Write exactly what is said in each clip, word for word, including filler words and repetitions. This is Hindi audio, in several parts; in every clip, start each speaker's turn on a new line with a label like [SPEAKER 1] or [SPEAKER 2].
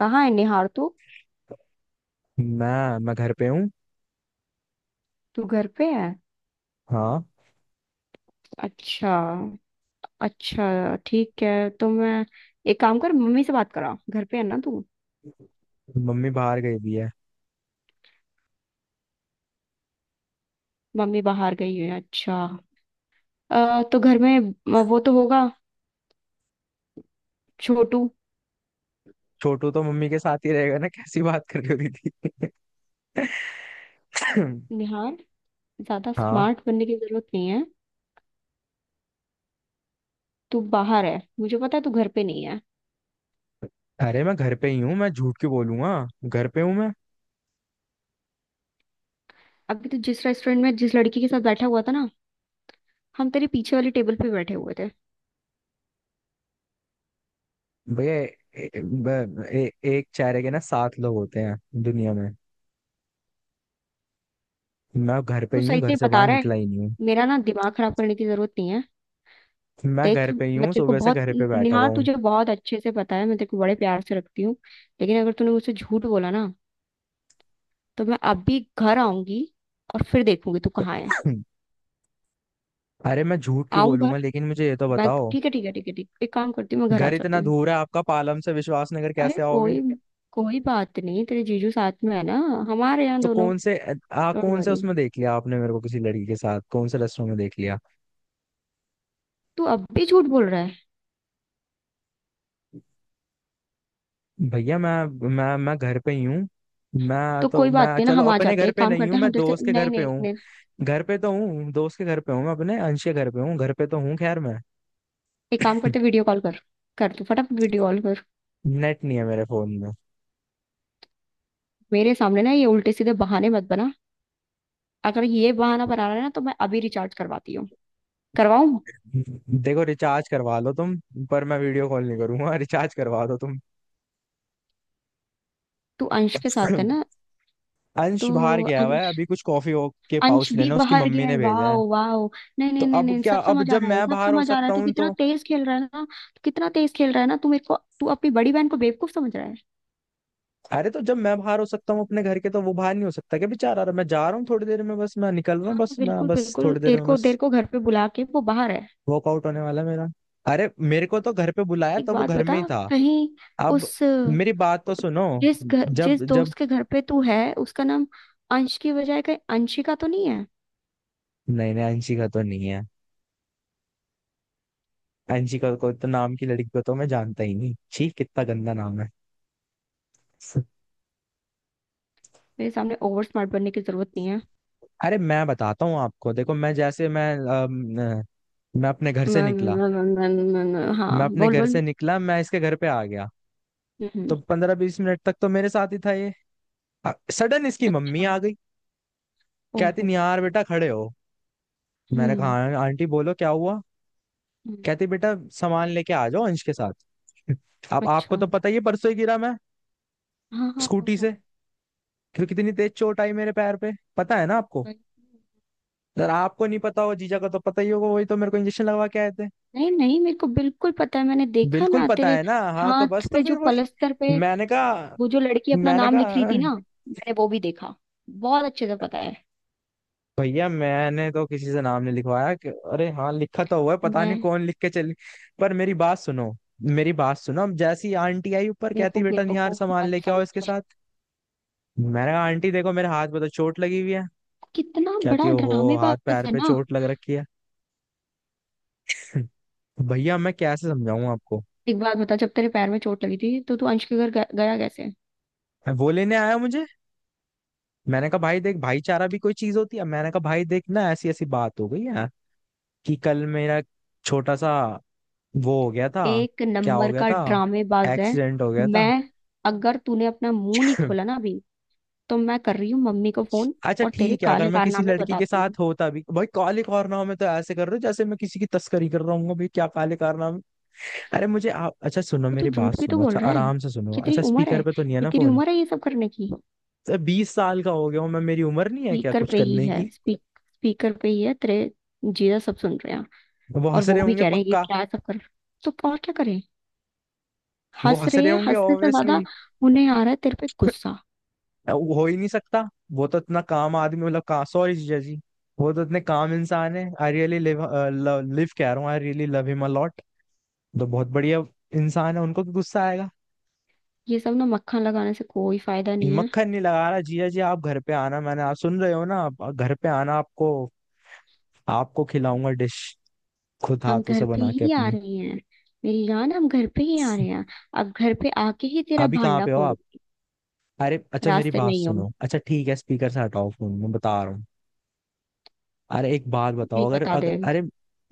[SPEAKER 1] कहाँ है निहार तू।
[SPEAKER 2] मैं मैं घर पे हूँ।
[SPEAKER 1] तू घर पे है?
[SPEAKER 2] हाँ,
[SPEAKER 1] अच्छा। अच्छा ठीक है, तो मैं एक काम कर, मम्मी से बात करा। घर पे है ना तू?
[SPEAKER 2] मम्मी बाहर गई भी है।
[SPEAKER 1] मम्मी बाहर गई है, अच्छा। अ, तो घर में वो तो होगा, छोटू।
[SPEAKER 2] छोटू तो मम्मी के साथ ही रहेगा ना, कैसी बात कर रही हो दीदी?
[SPEAKER 1] निहार, ज्यादा
[SPEAKER 2] हाँ,
[SPEAKER 1] स्मार्ट बनने की जरूरत नहीं है। तू बाहर है, मुझे पता है तू घर पे नहीं है।
[SPEAKER 2] अरे मैं घर पे ही हूँ, मैं झूठ क्यों बोलूंगा? घर पे हूँ मैं।
[SPEAKER 1] अभी तू जिस रेस्टोरेंट में जिस लड़की के साथ बैठा हुआ था ना, हम तेरे पीछे वाली टेबल पे बैठे हुए थे।
[SPEAKER 2] भैया, ए- ब- ए- एक चेहरे के ना सात लोग होते हैं दुनिया में। मैं घर पे
[SPEAKER 1] तू
[SPEAKER 2] ही हूँ,
[SPEAKER 1] सही
[SPEAKER 2] घर
[SPEAKER 1] से
[SPEAKER 2] से
[SPEAKER 1] बता
[SPEAKER 2] बाहर
[SPEAKER 1] रहा है?
[SPEAKER 2] निकला ही नहीं हूँ।
[SPEAKER 1] मेरा ना दिमाग खराब करने की जरूरत नहीं है।
[SPEAKER 2] मैं
[SPEAKER 1] देख
[SPEAKER 2] घर पे ही
[SPEAKER 1] मैं
[SPEAKER 2] हूँ,
[SPEAKER 1] तेरे को
[SPEAKER 2] सुबह से
[SPEAKER 1] बहुत,
[SPEAKER 2] घर पे बैठा हुआ
[SPEAKER 1] निहार
[SPEAKER 2] हूँ।
[SPEAKER 1] तुझे बहुत अच्छे से पता है मैं तेरे को बड़े प्यार से रखती हूँ। लेकिन अगर तूने मुझसे झूठ बोला ना, तो मैं अभी घर आऊंगी और फिर देखूंगी तू कहाँ है।
[SPEAKER 2] अरे मैं झूठ क्यों
[SPEAKER 1] आऊं
[SPEAKER 2] बोलूंगा,
[SPEAKER 1] घर?
[SPEAKER 2] लेकिन मुझे ये तो
[SPEAKER 1] मैं
[SPEAKER 2] बताओ,
[SPEAKER 1] ठीक है ठीक है ठीक है ठीक, एक काम करती हूँ मैं घर आ
[SPEAKER 2] घर
[SPEAKER 1] जाती
[SPEAKER 2] इतना
[SPEAKER 1] हूँ।
[SPEAKER 2] दूर है आपका, पालम से विश्वासनगर
[SPEAKER 1] अरे
[SPEAKER 2] कैसे आओगे?
[SPEAKER 1] कोई, कोई बात नहीं, तेरे जीजू साथ में है ना। हमारे यहाँ
[SPEAKER 2] तो
[SPEAKER 1] दोनों।
[SPEAKER 2] कौन से आ
[SPEAKER 1] डोंट
[SPEAKER 2] कौन से
[SPEAKER 1] वरी।
[SPEAKER 2] उसमें देख लिया आपने? मेरे को किसी लड़की के साथ कौन से रेस्टोरेंट में देख लिया?
[SPEAKER 1] तू अब भी झूठ बोल रहा है।
[SPEAKER 2] भैया मैं मैं मैं घर पे ही हूँ। मैं
[SPEAKER 1] तो
[SPEAKER 2] तो,
[SPEAKER 1] कोई
[SPEAKER 2] मैं
[SPEAKER 1] बात नहीं ना,
[SPEAKER 2] चलो
[SPEAKER 1] हम आ
[SPEAKER 2] अपने
[SPEAKER 1] जाते हैं,
[SPEAKER 2] घर
[SPEAKER 1] एक
[SPEAKER 2] पे
[SPEAKER 1] काम
[SPEAKER 2] नहीं
[SPEAKER 1] करते
[SPEAKER 2] हूँ,
[SPEAKER 1] हैं,
[SPEAKER 2] मैं
[SPEAKER 1] हम तेरे से
[SPEAKER 2] दोस्त के
[SPEAKER 1] नहीं
[SPEAKER 2] घर पे
[SPEAKER 1] नहीं
[SPEAKER 2] हूँ।
[SPEAKER 1] नहीं नहीं।
[SPEAKER 2] घर पे तो हूँ, दोस्त के घर पे हूँ, मैं अपने अंश के घर पे हूँ, घर पे तो हूँ, खैर मैं
[SPEAKER 1] एक काम करते हैं, वीडियो कॉल कर। कर तू फटाफट वीडियो कॉल कर।
[SPEAKER 2] नेट नहीं है मेरे फोन में।
[SPEAKER 1] मेरे सामने ना ये उल्टे सीधे बहाने मत बना। अगर ये बहाना बना रहा है ना, तो मैं अभी रिचार्ज करवाती हूँ। करवाऊं?
[SPEAKER 2] देखो रिचार्ज करवा लो तुम, पर मैं वीडियो कॉल नहीं करूंगा रिचार्ज करवा दो तुम।
[SPEAKER 1] तू अंश के साथ है ना? तो
[SPEAKER 2] अंश बाहर गया हुआ है
[SPEAKER 1] अंश,
[SPEAKER 2] अभी, कुछ कॉफी के
[SPEAKER 1] अंश
[SPEAKER 2] पाउच
[SPEAKER 1] भी
[SPEAKER 2] लेना उसकी
[SPEAKER 1] बाहर
[SPEAKER 2] मम्मी
[SPEAKER 1] गया है?
[SPEAKER 2] ने
[SPEAKER 1] वाह।
[SPEAKER 2] भेजा है।
[SPEAKER 1] वाह। नहीं
[SPEAKER 2] तो
[SPEAKER 1] नहीं नहीं
[SPEAKER 2] अब
[SPEAKER 1] नहीं,
[SPEAKER 2] क्या,
[SPEAKER 1] सब
[SPEAKER 2] अब
[SPEAKER 1] समझ आ
[SPEAKER 2] जब
[SPEAKER 1] रहा है,
[SPEAKER 2] मैं
[SPEAKER 1] सब
[SPEAKER 2] बाहर हो
[SPEAKER 1] समझ आ रहा
[SPEAKER 2] सकता
[SPEAKER 1] है। तू
[SPEAKER 2] हूँ
[SPEAKER 1] कितना
[SPEAKER 2] तो?
[SPEAKER 1] तेज खेल रहा है ना। तू कितना तेज खेल रहा है ना, तू मेरे को, तू अपनी बड़ी बहन को बेवकूफ समझ रहा है।
[SPEAKER 2] अरे तो जब मैं बाहर हो सकता हूँ अपने घर के, तो वो बाहर नहीं हो सकता क्या बेचारा? अरे मैं जा रहा हूँ थोड़ी देर में, बस मैं निकल रहा हूँ,
[SPEAKER 1] हाँ
[SPEAKER 2] बस मैं,
[SPEAKER 1] बिल्कुल
[SPEAKER 2] बस
[SPEAKER 1] बिल्कुल,
[SPEAKER 2] थोड़ी देर
[SPEAKER 1] तेरे
[SPEAKER 2] में
[SPEAKER 1] को, तेरे
[SPEAKER 2] बस।
[SPEAKER 1] को घर पे बुला के वो बाहर है।
[SPEAKER 2] वर्कआउट होने वाला है मेरा। अरे मेरे को तो घर पे बुलाया
[SPEAKER 1] एक
[SPEAKER 2] तो वो
[SPEAKER 1] बात
[SPEAKER 2] घर में
[SPEAKER 1] बता,
[SPEAKER 2] ही था।
[SPEAKER 1] कहीं
[SPEAKER 2] अब
[SPEAKER 1] उस,
[SPEAKER 2] मेरी बात तो सुनो,
[SPEAKER 1] जिस घर,
[SPEAKER 2] जब
[SPEAKER 1] जिस
[SPEAKER 2] जब
[SPEAKER 1] दोस्त के घर पे तू है उसका नाम अंश की बजाय कहीं अंशिका तो नहीं है?
[SPEAKER 2] नहीं नहीं अंशिका तो नहीं है। अंशिका को तो, नाम की लड़की को तो मैं जानता ही नहीं, छी कितना गंदा नाम है।
[SPEAKER 1] मेरे सामने ओवर स्मार्ट बनने की जरूरत नहीं है।
[SPEAKER 2] अरे मैं बताता हूँ आपको, देखो मैं जैसे मैं अम, अ, मैं अपने घर
[SPEAKER 1] न,
[SPEAKER 2] से
[SPEAKER 1] न,
[SPEAKER 2] निकला,
[SPEAKER 1] न, न, न, न, न,
[SPEAKER 2] मैं
[SPEAKER 1] हाँ
[SPEAKER 2] अपने
[SPEAKER 1] बोल
[SPEAKER 2] घर
[SPEAKER 1] बोल।
[SPEAKER 2] से निकला मैं इसके घर पे आ गया।
[SPEAKER 1] हम्म।
[SPEAKER 2] तो पंद्रह बीस मिनट तक तो मेरे साथ ही था ये। सडन इसकी मम्मी
[SPEAKER 1] अच्छा।
[SPEAKER 2] आ गई, कहती
[SPEAKER 1] ओहो।
[SPEAKER 2] निहार बेटा खड़े हो। मैंने कहा
[SPEAKER 1] हम्म।
[SPEAKER 2] "हाँ, आंटी बोलो क्या हुआ।"
[SPEAKER 1] हम्म,
[SPEAKER 2] कहती बेटा सामान लेके आ जाओ अंश के साथ। अब आपको
[SPEAKER 1] अच्छा।
[SPEAKER 2] तो पता ही है, परसों ही गिरा मैं
[SPEAKER 1] हाँ हाँ हाँ
[SPEAKER 2] स्कूटी
[SPEAKER 1] हाँ।
[SPEAKER 2] से। क्यों, कितनी तेज चोट आई मेरे पैर पे, पता है ना आपको?
[SPEAKER 1] वही।
[SPEAKER 2] अगर आपको नहीं पता हो, जीजा को तो पता ही होगा, वही तो मेरे को इंजेक्शन लगवा के आए थे।
[SPEAKER 1] नहीं नहीं, मेरे को बिल्कुल पता है, मैंने देखा
[SPEAKER 2] बिल्कुल
[SPEAKER 1] ना
[SPEAKER 2] पता
[SPEAKER 1] तेरे
[SPEAKER 2] है ना, हाँ, तो
[SPEAKER 1] हाथ
[SPEAKER 2] बस, तो
[SPEAKER 1] पे
[SPEAKER 2] फिर
[SPEAKER 1] जो
[SPEAKER 2] वही।
[SPEAKER 1] पलस्तर पे,
[SPEAKER 2] मैंने कहा
[SPEAKER 1] वो जो लड़की अपना
[SPEAKER 2] मैंने
[SPEAKER 1] नाम लिख रही
[SPEAKER 2] कहा
[SPEAKER 1] थी ना, मैंने वो भी देखा। बहुत अच्छे से पता है।
[SPEAKER 2] भैया, मैंने तो किसी से नाम नहीं लिखवाया, कि- अरे हाँ लिखा तो हुआ है, पता नहीं
[SPEAKER 1] मैं,
[SPEAKER 2] कौन लिख के चली। पर मेरी बात सुनो मेरी बात सुनो अब जैसी आंटी आई ऊपर,
[SPEAKER 1] मेरे
[SPEAKER 2] कहती
[SPEAKER 1] को
[SPEAKER 2] बेटा निहार
[SPEAKER 1] बेवकूफ
[SPEAKER 2] सामान
[SPEAKER 1] मत
[SPEAKER 2] लेके आओ इसके
[SPEAKER 1] समझ।
[SPEAKER 2] साथ। मैंने कहा आंटी देखो मेरे हाथ पे तो चोट लगी हुई है।
[SPEAKER 1] कितना
[SPEAKER 2] कहती
[SPEAKER 1] बड़ा
[SPEAKER 2] हो हो हाथ
[SPEAKER 1] ड्रामेबाज
[SPEAKER 2] पैर
[SPEAKER 1] है
[SPEAKER 2] पे
[SPEAKER 1] ना।
[SPEAKER 2] चोट लग रखी है। भैया मैं कैसे समझाऊं आपको।
[SPEAKER 1] एक बात बता, जब तेरे पैर में चोट लगी थी, तो तू अंश के घर ग- गया कैसे?
[SPEAKER 2] वो लेने आया मुझे। मैंने कहा भाई देख, भाईचारा भी कोई चीज होती है। मैंने कहा भाई देख ना ऐसी ऐसी बात हो गई है कि कल मेरा छोटा सा वो हो गया था।
[SPEAKER 1] एक
[SPEAKER 2] क्या हो
[SPEAKER 1] नंबर
[SPEAKER 2] गया
[SPEAKER 1] का
[SPEAKER 2] था?
[SPEAKER 1] ड्रामेबाज है।
[SPEAKER 2] एक्सीडेंट हो गया था।
[SPEAKER 1] मैं, अगर तूने अपना मुंह नहीं खोला ना अभी, तो मैं कर रही हूँ मम्मी को फोन।
[SPEAKER 2] अच्छा
[SPEAKER 1] और तेरे
[SPEAKER 2] ठीक है, अगर
[SPEAKER 1] काले
[SPEAKER 2] मैं किसी
[SPEAKER 1] कारनामे
[SPEAKER 2] लड़की के
[SPEAKER 1] बताती हूँ।
[SPEAKER 2] साथ होता भी, भाई काले कारनामे तो ऐसे कर रहे हो जैसे मैं किसी की तस्करी कर रहा हूँ भाई, क्या काले कारनामे! अरे मुझे आप, अच्छा सुनो
[SPEAKER 1] वो तो
[SPEAKER 2] मेरी बात
[SPEAKER 1] झूठ भी तो
[SPEAKER 2] सुनो,
[SPEAKER 1] बोल
[SPEAKER 2] अच्छा
[SPEAKER 1] रहा है।
[SPEAKER 2] आराम से सुनो,
[SPEAKER 1] कितनी
[SPEAKER 2] अच्छा
[SPEAKER 1] उम्र है,
[SPEAKER 2] स्पीकर पे तो नहीं है
[SPEAKER 1] ये
[SPEAKER 2] ना
[SPEAKER 1] तेरी
[SPEAKER 2] फोन?
[SPEAKER 1] उम्र है ये सब करने की?
[SPEAKER 2] तो बीस साल का हो गया हूँ मैं, मेरी उम्र नहीं है क्या
[SPEAKER 1] स्पीकर
[SPEAKER 2] कुछ
[SPEAKER 1] पे ही
[SPEAKER 2] करने की?
[SPEAKER 1] है, स्पीक स्पीकर पे ही है, तेरे जीजा सब सुन रहे हैं।
[SPEAKER 2] वो
[SPEAKER 1] और
[SPEAKER 2] हंस
[SPEAKER 1] वो
[SPEAKER 2] रहे
[SPEAKER 1] भी
[SPEAKER 2] होंगे
[SPEAKER 1] कह रहे हैं कि
[SPEAKER 2] पक्का।
[SPEAKER 1] क्या सब कर, तो और क्या करें।
[SPEAKER 2] वो
[SPEAKER 1] हंस
[SPEAKER 2] हंस
[SPEAKER 1] रहे
[SPEAKER 2] रहे
[SPEAKER 1] हैं,
[SPEAKER 2] होंगे
[SPEAKER 1] हंसने से ज्यादा
[SPEAKER 2] ऑब्वियसली।
[SPEAKER 1] उन्हें आ रहा है तेरे पे गुस्सा।
[SPEAKER 2] हो ही नहीं सकता। वो तो इतना काम आदमी, मतलब का, सॉरी जीजा जी, वो तो इतने काम इंसान है, आई रियली लिव, लिव कह रहा हूँ, I really love him a lot. तो बहुत बढ़िया इंसान है, उनको तो गुस्सा आएगा।
[SPEAKER 1] ये सब ना मक्खन लगाने से कोई फायदा नहीं है।
[SPEAKER 2] मक्खन नहीं लगा रहा जिया जी, आप घर पे आना, मैंने, आप सुन रहे हो ना, आप घर पे आना, आपको आपको खिलाऊंगा डिश, खुद
[SPEAKER 1] हम
[SPEAKER 2] हाथों से
[SPEAKER 1] घर पे
[SPEAKER 2] बना के
[SPEAKER 1] ही आ
[SPEAKER 2] अपनी।
[SPEAKER 1] रहे हैं। मेरी जान, हम घर पे ही आ रहे हैं। अब घर पे आके ही तेरा
[SPEAKER 2] अभी कहाँ
[SPEAKER 1] भांडा
[SPEAKER 2] पे हो
[SPEAKER 1] फोड़ू।
[SPEAKER 2] आप? अरे अच्छा मेरी
[SPEAKER 1] रास्ते में
[SPEAKER 2] बात
[SPEAKER 1] ही हो,
[SPEAKER 2] सुनो, अच्छा ठीक है, स्पीकर से हटाओ फोन मैं बता रहा हूँ। अरे एक बात बताओ,
[SPEAKER 1] यही
[SPEAKER 2] अगर
[SPEAKER 1] बता
[SPEAKER 2] अगर
[SPEAKER 1] दे।
[SPEAKER 2] अरे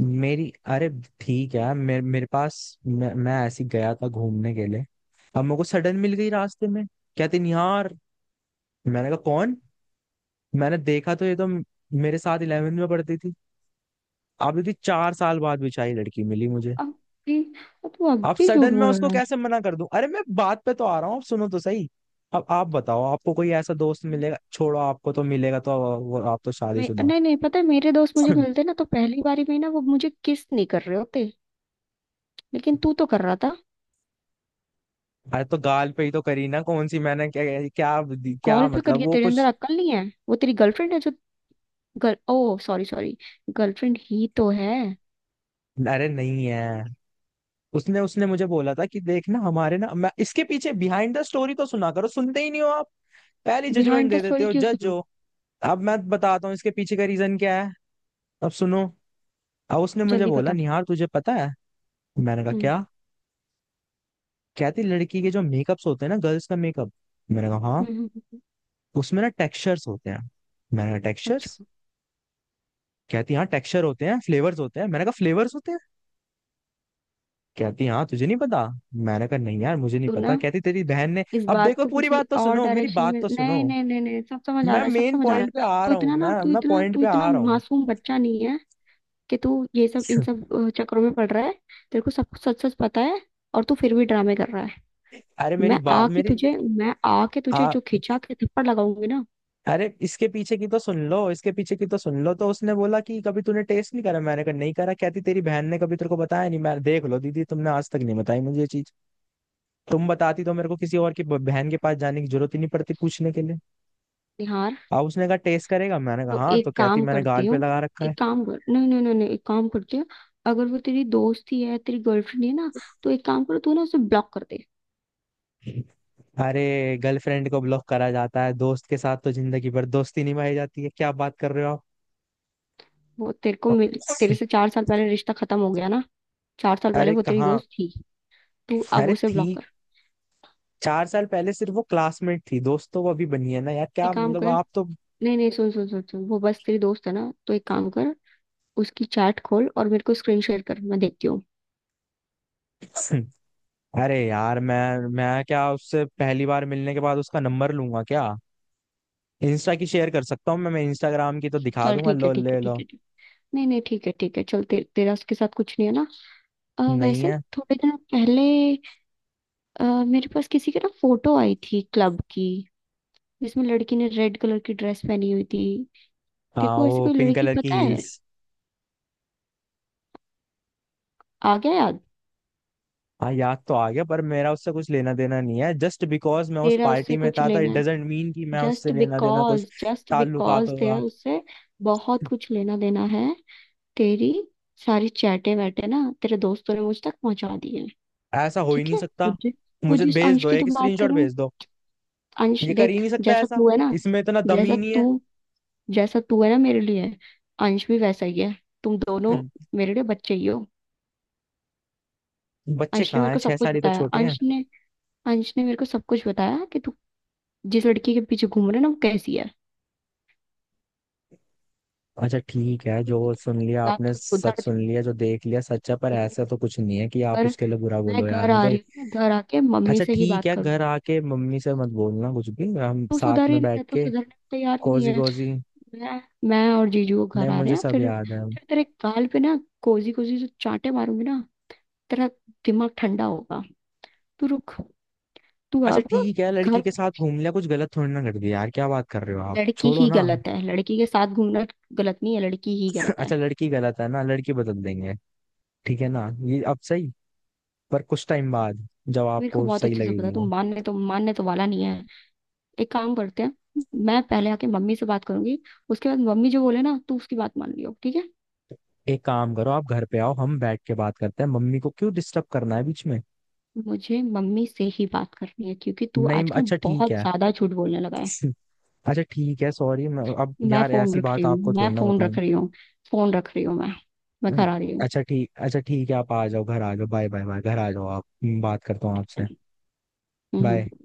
[SPEAKER 2] मेरी, अरे ठीक है, मेरे मेरे पास, मैं, मैं ऐसे ही गया था घूमने के लिए। अब मेरे को सडन मिल गई रास्ते में, कहते नहीं यार। मैंने कहा कौन? मैंने देखा तो ये तो मेरे साथ इलेवेंथ में पढ़ती थी। अभी भी चार साल बाद बिछाई लड़की मिली मुझे।
[SPEAKER 1] अब भी अब तू अब
[SPEAKER 2] अब
[SPEAKER 1] भी झूठ
[SPEAKER 2] सडन मैं
[SPEAKER 1] बोल
[SPEAKER 2] उसको
[SPEAKER 1] रहा है।
[SPEAKER 2] कैसे मना कर दूं? अरे मैं बात पे तो आ रहा हूँ, अब सुनो तो सही। अब आप बताओ, आपको कोई ऐसा दोस्त मिलेगा? छोड़ो, आपको तो मिलेगा तो, वो आप तो
[SPEAKER 1] मैं,
[SPEAKER 2] शादीशुदा हो।
[SPEAKER 1] नहीं नहीं पता है, मेरे दोस्त मुझे मिलते ना, तो पहली बारी में ना वो मुझे किस नहीं कर रहे होते। लेकिन तू तो कर रहा था।
[SPEAKER 2] अरे तो गाल पे ही तो करी ना, कौन सी मैंने क्या, क्या, क्या
[SPEAKER 1] कॉल पे
[SPEAKER 2] मतलब
[SPEAKER 1] करिए,
[SPEAKER 2] वो
[SPEAKER 1] तेरे अंदर
[SPEAKER 2] कुछ।
[SPEAKER 1] अक्ल नहीं है। वो तेरी गर्लफ्रेंड है जो, गर्ल, ओ सॉरी सॉरी, गर्लफ्रेंड ही तो है।
[SPEAKER 2] अरे नहीं है। उसने उसने मुझे बोला था कि देख ना हमारे ना, मैं इसके पीछे, बिहाइंड द स्टोरी तो सुना करो, सुनते ही नहीं हो आप, पहली जजमेंट
[SPEAKER 1] बिहाइंड द
[SPEAKER 2] दे देते
[SPEAKER 1] स्टोरी
[SPEAKER 2] हो,
[SPEAKER 1] क्यों
[SPEAKER 2] जज
[SPEAKER 1] सुनू?
[SPEAKER 2] हो। अब मैं बताता हूँ इसके पीछे का रीजन क्या है, अब सुनो। अब उसने मुझे
[SPEAKER 1] जल्दी
[SPEAKER 2] बोला,
[SPEAKER 1] बता।
[SPEAKER 2] निहार तुझे पता है? मैंने कहा
[SPEAKER 1] हम्म।
[SPEAKER 2] क्या? कहती लड़की के जो मेकअप्स होते हैं ना, गर्ल्स का मेकअप। मैंने कहा हाँ।
[SPEAKER 1] हम्म। हम्म, हम्म।
[SPEAKER 2] उसमें ना टेक्सचर्स होते हैं। मैंने कहा टेक्सचर्स?
[SPEAKER 1] अच्छा।
[SPEAKER 2] कहती हाँ टेक्सचर होते हैं, फ्लेवर्स होते हैं। मैंने कहा फ्लेवर्स होते हैं? कहती हाँ तुझे नहीं पता। मैंने कहा नहीं यार मुझे नहीं
[SPEAKER 1] तू ना
[SPEAKER 2] पता। कहती तेरी बहन ने,
[SPEAKER 1] इस
[SPEAKER 2] अब
[SPEAKER 1] बात
[SPEAKER 2] देखो
[SPEAKER 1] को
[SPEAKER 2] पूरी
[SPEAKER 1] किसी
[SPEAKER 2] बात तो
[SPEAKER 1] और
[SPEAKER 2] सुनो, मेरी
[SPEAKER 1] डायरेक्शन
[SPEAKER 2] बात
[SPEAKER 1] में,
[SPEAKER 2] तो
[SPEAKER 1] नहीं
[SPEAKER 2] सुनो।
[SPEAKER 1] नहीं नहीं नहीं, सब समझ आ
[SPEAKER 2] मैं
[SPEAKER 1] रहा है, सब
[SPEAKER 2] मेन
[SPEAKER 1] समझ आ रहा
[SPEAKER 2] पॉइंट पे
[SPEAKER 1] है।
[SPEAKER 2] आ
[SPEAKER 1] तू
[SPEAKER 2] रहा हूँ,
[SPEAKER 1] इतना ना,
[SPEAKER 2] मैं
[SPEAKER 1] तू
[SPEAKER 2] मैं
[SPEAKER 1] इतना,
[SPEAKER 2] पॉइंट
[SPEAKER 1] तू
[SPEAKER 2] पे
[SPEAKER 1] इतना
[SPEAKER 2] आ रहा हूँ।
[SPEAKER 1] मासूम बच्चा नहीं है कि तू ये सब, इन सब अ, चक्करों में पड़ रहा है। तेरे को सब कुछ सच सच पता है, और तू फिर भी ड्रामे कर रहा है।
[SPEAKER 2] अरे मेरी
[SPEAKER 1] मैं
[SPEAKER 2] बात
[SPEAKER 1] आके
[SPEAKER 2] मेरी
[SPEAKER 1] तुझे, मैं आके तुझे
[SPEAKER 2] आ
[SPEAKER 1] जो खिंचा के थप्पड़ लगाऊंगी ना।
[SPEAKER 2] अरे इसके पीछे की तो सुन लो, इसके पीछे की तो सुन लो। तो उसने बोला कि कभी तूने टेस्ट नहीं करा। मैंने कहा नहीं करा। कहती तेरी बहन ने कभी तेरे को बताया नहीं? मैं, देख लो दीदी, तुमने आज तक नहीं बताई मुझे ये चीज। तुम बताती तो मेरे को किसी और की ब- बहन के पास जाने की जरूरत ही नहीं पड़ती पूछने के लिए।
[SPEAKER 1] निहार,
[SPEAKER 2] अब उसने कहा टेस्ट करेगा? मैंने कहा
[SPEAKER 1] तो
[SPEAKER 2] हाँ। तो
[SPEAKER 1] एक
[SPEAKER 2] कहती
[SPEAKER 1] काम
[SPEAKER 2] मैंने
[SPEAKER 1] करती
[SPEAKER 2] गाल पे
[SPEAKER 1] हूँ,
[SPEAKER 2] लगा रखा है।
[SPEAKER 1] एक काम कर, नहीं नहीं नहीं नहीं, एक काम करती हूँ। अगर वो तेरी दोस्त ही है, तेरी गर्लफ्रेंड है ना, तो एक काम करो, तू ना उसे ब्लॉक कर दे।
[SPEAKER 2] अरे गर्लफ्रेंड को ब्लॉक करा जाता है, दोस्त के साथ तो जिंदगी भर दोस्ती निभाई जाती है, क्या बात कर रहे हो
[SPEAKER 1] वो तेरे को
[SPEAKER 2] आप?
[SPEAKER 1] मिल, तेरे से चार साल पहले रिश्ता खत्म हो गया ना। चार साल पहले
[SPEAKER 2] अरे
[SPEAKER 1] वो तेरी
[SPEAKER 2] कहाँ,
[SPEAKER 1] दोस्त थी। तू अब
[SPEAKER 2] अरे
[SPEAKER 1] उसे ब्लॉक
[SPEAKER 2] थी,
[SPEAKER 1] कर।
[SPEAKER 2] चार साल पहले सिर्फ वो क्लासमेट थी दोस्तों, वो अभी बनी है ना यार, क्या
[SPEAKER 1] एक काम
[SPEAKER 2] मतलब
[SPEAKER 1] कर,
[SPEAKER 2] आप तो।
[SPEAKER 1] नहीं नहीं, सुन सुन सुन सुन, वो बस तेरी दोस्त है ना, तो एक काम कर, उसकी चैट खोल और मेरे को स्क्रीन शेयर कर, मैं देखती हूँ।
[SPEAKER 2] अरे यार मैं मैं क्या उससे पहली बार मिलने के बाद उसका नंबर लूंगा क्या? इंस्टा की शेयर कर सकता हूँ मैं मैं इंस्टाग्राम की तो दिखा
[SPEAKER 1] चल
[SPEAKER 2] दूंगा,
[SPEAKER 1] ठीक है
[SPEAKER 2] लो
[SPEAKER 1] ठीक है
[SPEAKER 2] ले
[SPEAKER 1] ठीक
[SPEAKER 2] लो।
[SPEAKER 1] है ठीक, नहीं नहीं ठीक है ठीक है, चल ते, तेरा उसके साथ कुछ नहीं है ना। अ,
[SPEAKER 2] नहीं
[SPEAKER 1] वैसे ना
[SPEAKER 2] है।
[SPEAKER 1] थोड़े दिन पहले अ, मेरे पास किसी की ना फोटो आई थी, क्लब की, जिसमें लड़की ने रेड कलर की ड्रेस पहनी हुई थी।
[SPEAKER 2] हाँ,
[SPEAKER 1] देखो, ऐसी
[SPEAKER 2] वो
[SPEAKER 1] कोई
[SPEAKER 2] पिंक
[SPEAKER 1] लड़की
[SPEAKER 2] कलर की
[SPEAKER 1] पता है?
[SPEAKER 2] हील्स।
[SPEAKER 1] आ गया याद?
[SPEAKER 2] हाँ याद तो आ गया, पर मेरा उससे कुछ लेना देना नहीं है। जस्ट बिकॉज मैं उस
[SPEAKER 1] तेरा
[SPEAKER 2] पार्टी
[SPEAKER 1] उससे
[SPEAKER 2] में
[SPEAKER 1] कुछ
[SPEAKER 2] था था,
[SPEAKER 1] लेना
[SPEAKER 2] इट
[SPEAKER 1] है।
[SPEAKER 2] डजेंट मीन कि मैं
[SPEAKER 1] जस्ट
[SPEAKER 2] उससे लेना देना
[SPEAKER 1] बिकॉज,
[SPEAKER 2] कुछ
[SPEAKER 1] जस्ट
[SPEAKER 2] ताल्लुकात
[SPEAKER 1] बिकॉज तेरा
[SPEAKER 2] होगा।
[SPEAKER 1] उससे बहुत कुछ लेना देना है। तेरी सारी चैटे वैटे ना तेरे दोस्तों ने मुझ तक पहुंचा दी है।
[SPEAKER 2] ऐसा हो ही
[SPEAKER 1] ठीक
[SPEAKER 2] नहीं
[SPEAKER 1] है। वो
[SPEAKER 2] सकता।
[SPEAKER 1] जि- वो
[SPEAKER 2] मुझे तो
[SPEAKER 1] जिस
[SPEAKER 2] भेज
[SPEAKER 1] अंश
[SPEAKER 2] दो
[SPEAKER 1] की तू
[SPEAKER 2] एक
[SPEAKER 1] बात कर
[SPEAKER 2] स्क्रीनशॉट
[SPEAKER 1] रहा है,
[SPEAKER 2] भेज दो,
[SPEAKER 1] अंश
[SPEAKER 2] ये कर ही
[SPEAKER 1] देख,
[SPEAKER 2] नहीं सकता
[SPEAKER 1] जैसा
[SPEAKER 2] ऐसा,
[SPEAKER 1] तू है ना,
[SPEAKER 2] इसमें इतना दम ही
[SPEAKER 1] जैसा
[SPEAKER 2] नहीं
[SPEAKER 1] तू
[SPEAKER 2] है।
[SPEAKER 1] जैसा तू है ना मेरे लिए, अंश भी वैसा ही है। तुम दोनों मेरे लिए बच्चे ही हो।
[SPEAKER 2] बच्चे
[SPEAKER 1] अंश ने
[SPEAKER 2] कहाँ
[SPEAKER 1] मेरे
[SPEAKER 2] हैं,
[SPEAKER 1] को
[SPEAKER 2] छह
[SPEAKER 1] सब कुछ
[SPEAKER 2] साल ही तो
[SPEAKER 1] बताया,
[SPEAKER 2] छोटे हैं।
[SPEAKER 1] अंश ने अंश ने मेरे को सब कुछ बताया कि तू जिस लड़की के पीछे घूम रहे ना, वो कैसी है।
[SPEAKER 2] अच्छा ठीक है,
[SPEAKER 1] तो
[SPEAKER 2] जो सुन लिया
[SPEAKER 1] या
[SPEAKER 2] आपने
[SPEAKER 1] तो
[SPEAKER 2] सच
[SPEAKER 1] सुधर
[SPEAKER 2] सुन लिया, जो देख लिया सच है, पर ऐसा तो कुछ नहीं है कि
[SPEAKER 1] जा,
[SPEAKER 2] आप उसके लिए बुरा
[SPEAKER 1] मैं
[SPEAKER 2] बोलो यार,
[SPEAKER 1] घर
[SPEAKER 2] मैं
[SPEAKER 1] आ
[SPEAKER 2] तो।
[SPEAKER 1] रही हूँ, घर आके मम्मी
[SPEAKER 2] अच्छा
[SPEAKER 1] से ही
[SPEAKER 2] ठीक
[SPEAKER 1] बात
[SPEAKER 2] है,
[SPEAKER 1] करूँ।
[SPEAKER 2] घर आके मम्मी से मत बोलना कुछ भी, हम
[SPEAKER 1] तू
[SPEAKER 2] साथ
[SPEAKER 1] सुधर ही
[SPEAKER 2] में
[SPEAKER 1] नहीं,
[SPEAKER 2] बैठ
[SPEAKER 1] मैं तो
[SPEAKER 2] के,
[SPEAKER 1] सुधरने को तैयार ही नहीं
[SPEAKER 2] कोजी
[SPEAKER 1] है।
[SPEAKER 2] कोजी,
[SPEAKER 1] मैं मैं और जीजू वो
[SPEAKER 2] नहीं
[SPEAKER 1] घर आ रहे
[SPEAKER 2] मुझे
[SPEAKER 1] हैं,
[SPEAKER 2] सब
[SPEAKER 1] फिर
[SPEAKER 2] याद है।
[SPEAKER 1] फिर तेरे गाल पे ना कोजी कोजी जो चांटे मारूंगी ना, तेरा दिमाग ठंडा होगा। तू रुक। तू
[SPEAKER 2] अच्छा
[SPEAKER 1] अब
[SPEAKER 2] ठीक है, लड़की
[SPEAKER 1] घर,
[SPEAKER 2] के साथ घूम लिया कुछ गलत थोड़ी ना कर दिया यार, क्या बात कर रहे हो आप,
[SPEAKER 1] लड़की
[SPEAKER 2] छोड़ो
[SPEAKER 1] ही
[SPEAKER 2] ना।
[SPEAKER 1] गलत है, लड़की के साथ घूमना गलत नहीं है, लड़की ही गलत है।
[SPEAKER 2] अच्छा लड़की गलत है ना, लड़की बदल देंगे, ठीक है ना, ये अब सही, पर कुछ टाइम बाद, जब
[SPEAKER 1] मेरे को
[SPEAKER 2] आपको
[SPEAKER 1] बहुत
[SPEAKER 2] सही
[SPEAKER 1] अच्छे से पता है,
[SPEAKER 2] लगेगी
[SPEAKER 1] तू
[SPEAKER 2] वो।
[SPEAKER 1] मानने तो मानने तो वाला नहीं है। एक काम करते हैं, मैं पहले आके मम्मी से बात करूंगी, उसके बाद मम्मी जो बोले ना, तू उसकी बात मान लियो ठीक है।
[SPEAKER 2] एक काम करो आप घर पे आओ, हम बैठ के बात करते हैं, मम्मी को क्यों डिस्टर्ब करना है बीच में?
[SPEAKER 1] मुझे मम्मी से ही बात करनी है, क्योंकि तू
[SPEAKER 2] नहीं,
[SPEAKER 1] आजकल
[SPEAKER 2] अच्छा ठीक
[SPEAKER 1] बहुत
[SPEAKER 2] है।
[SPEAKER 1] ज्यादा झूठ बोलने लगा है।
[SPEAKER 2] अच्छा ठीक है सॉरी, मैं अब
[SPEAKER 1] मैं
[SPEAKER 2] यार
[SPEAKER 1] फोन
[SPEAKER 2] ऐसी
[SPEAKER 1] रख
[SPEAKER 2] बात
[SPEAKER 1] रही हूँ,
[SPEAKER 2] आपको
[SPEAKER 1] मैं
[SPEAKER 2] थोड़ी ना
[SPEAKER 1] फोन
[SPEAKER 2] बताऊं।
[SPEAKER 1] रख रही हूँ, फोन रख रही हूँ मैं। मैं
[SPEAKER 2] हम्म।
[SPEAKER 1] घर आ रही हूँ।
[SPEAKER 2] अच्छा ठीक, अच्छा ठीक है, आप आ जाओ, घर आ जाओ, बाय, बाय, बाय, घर आ जाओ आप, मैं बात करता हूँ आपसे।
[SPEAKER 1] हम्म।
[SPEAKER 2] बाय।
[SPEAKER 1] हम्म।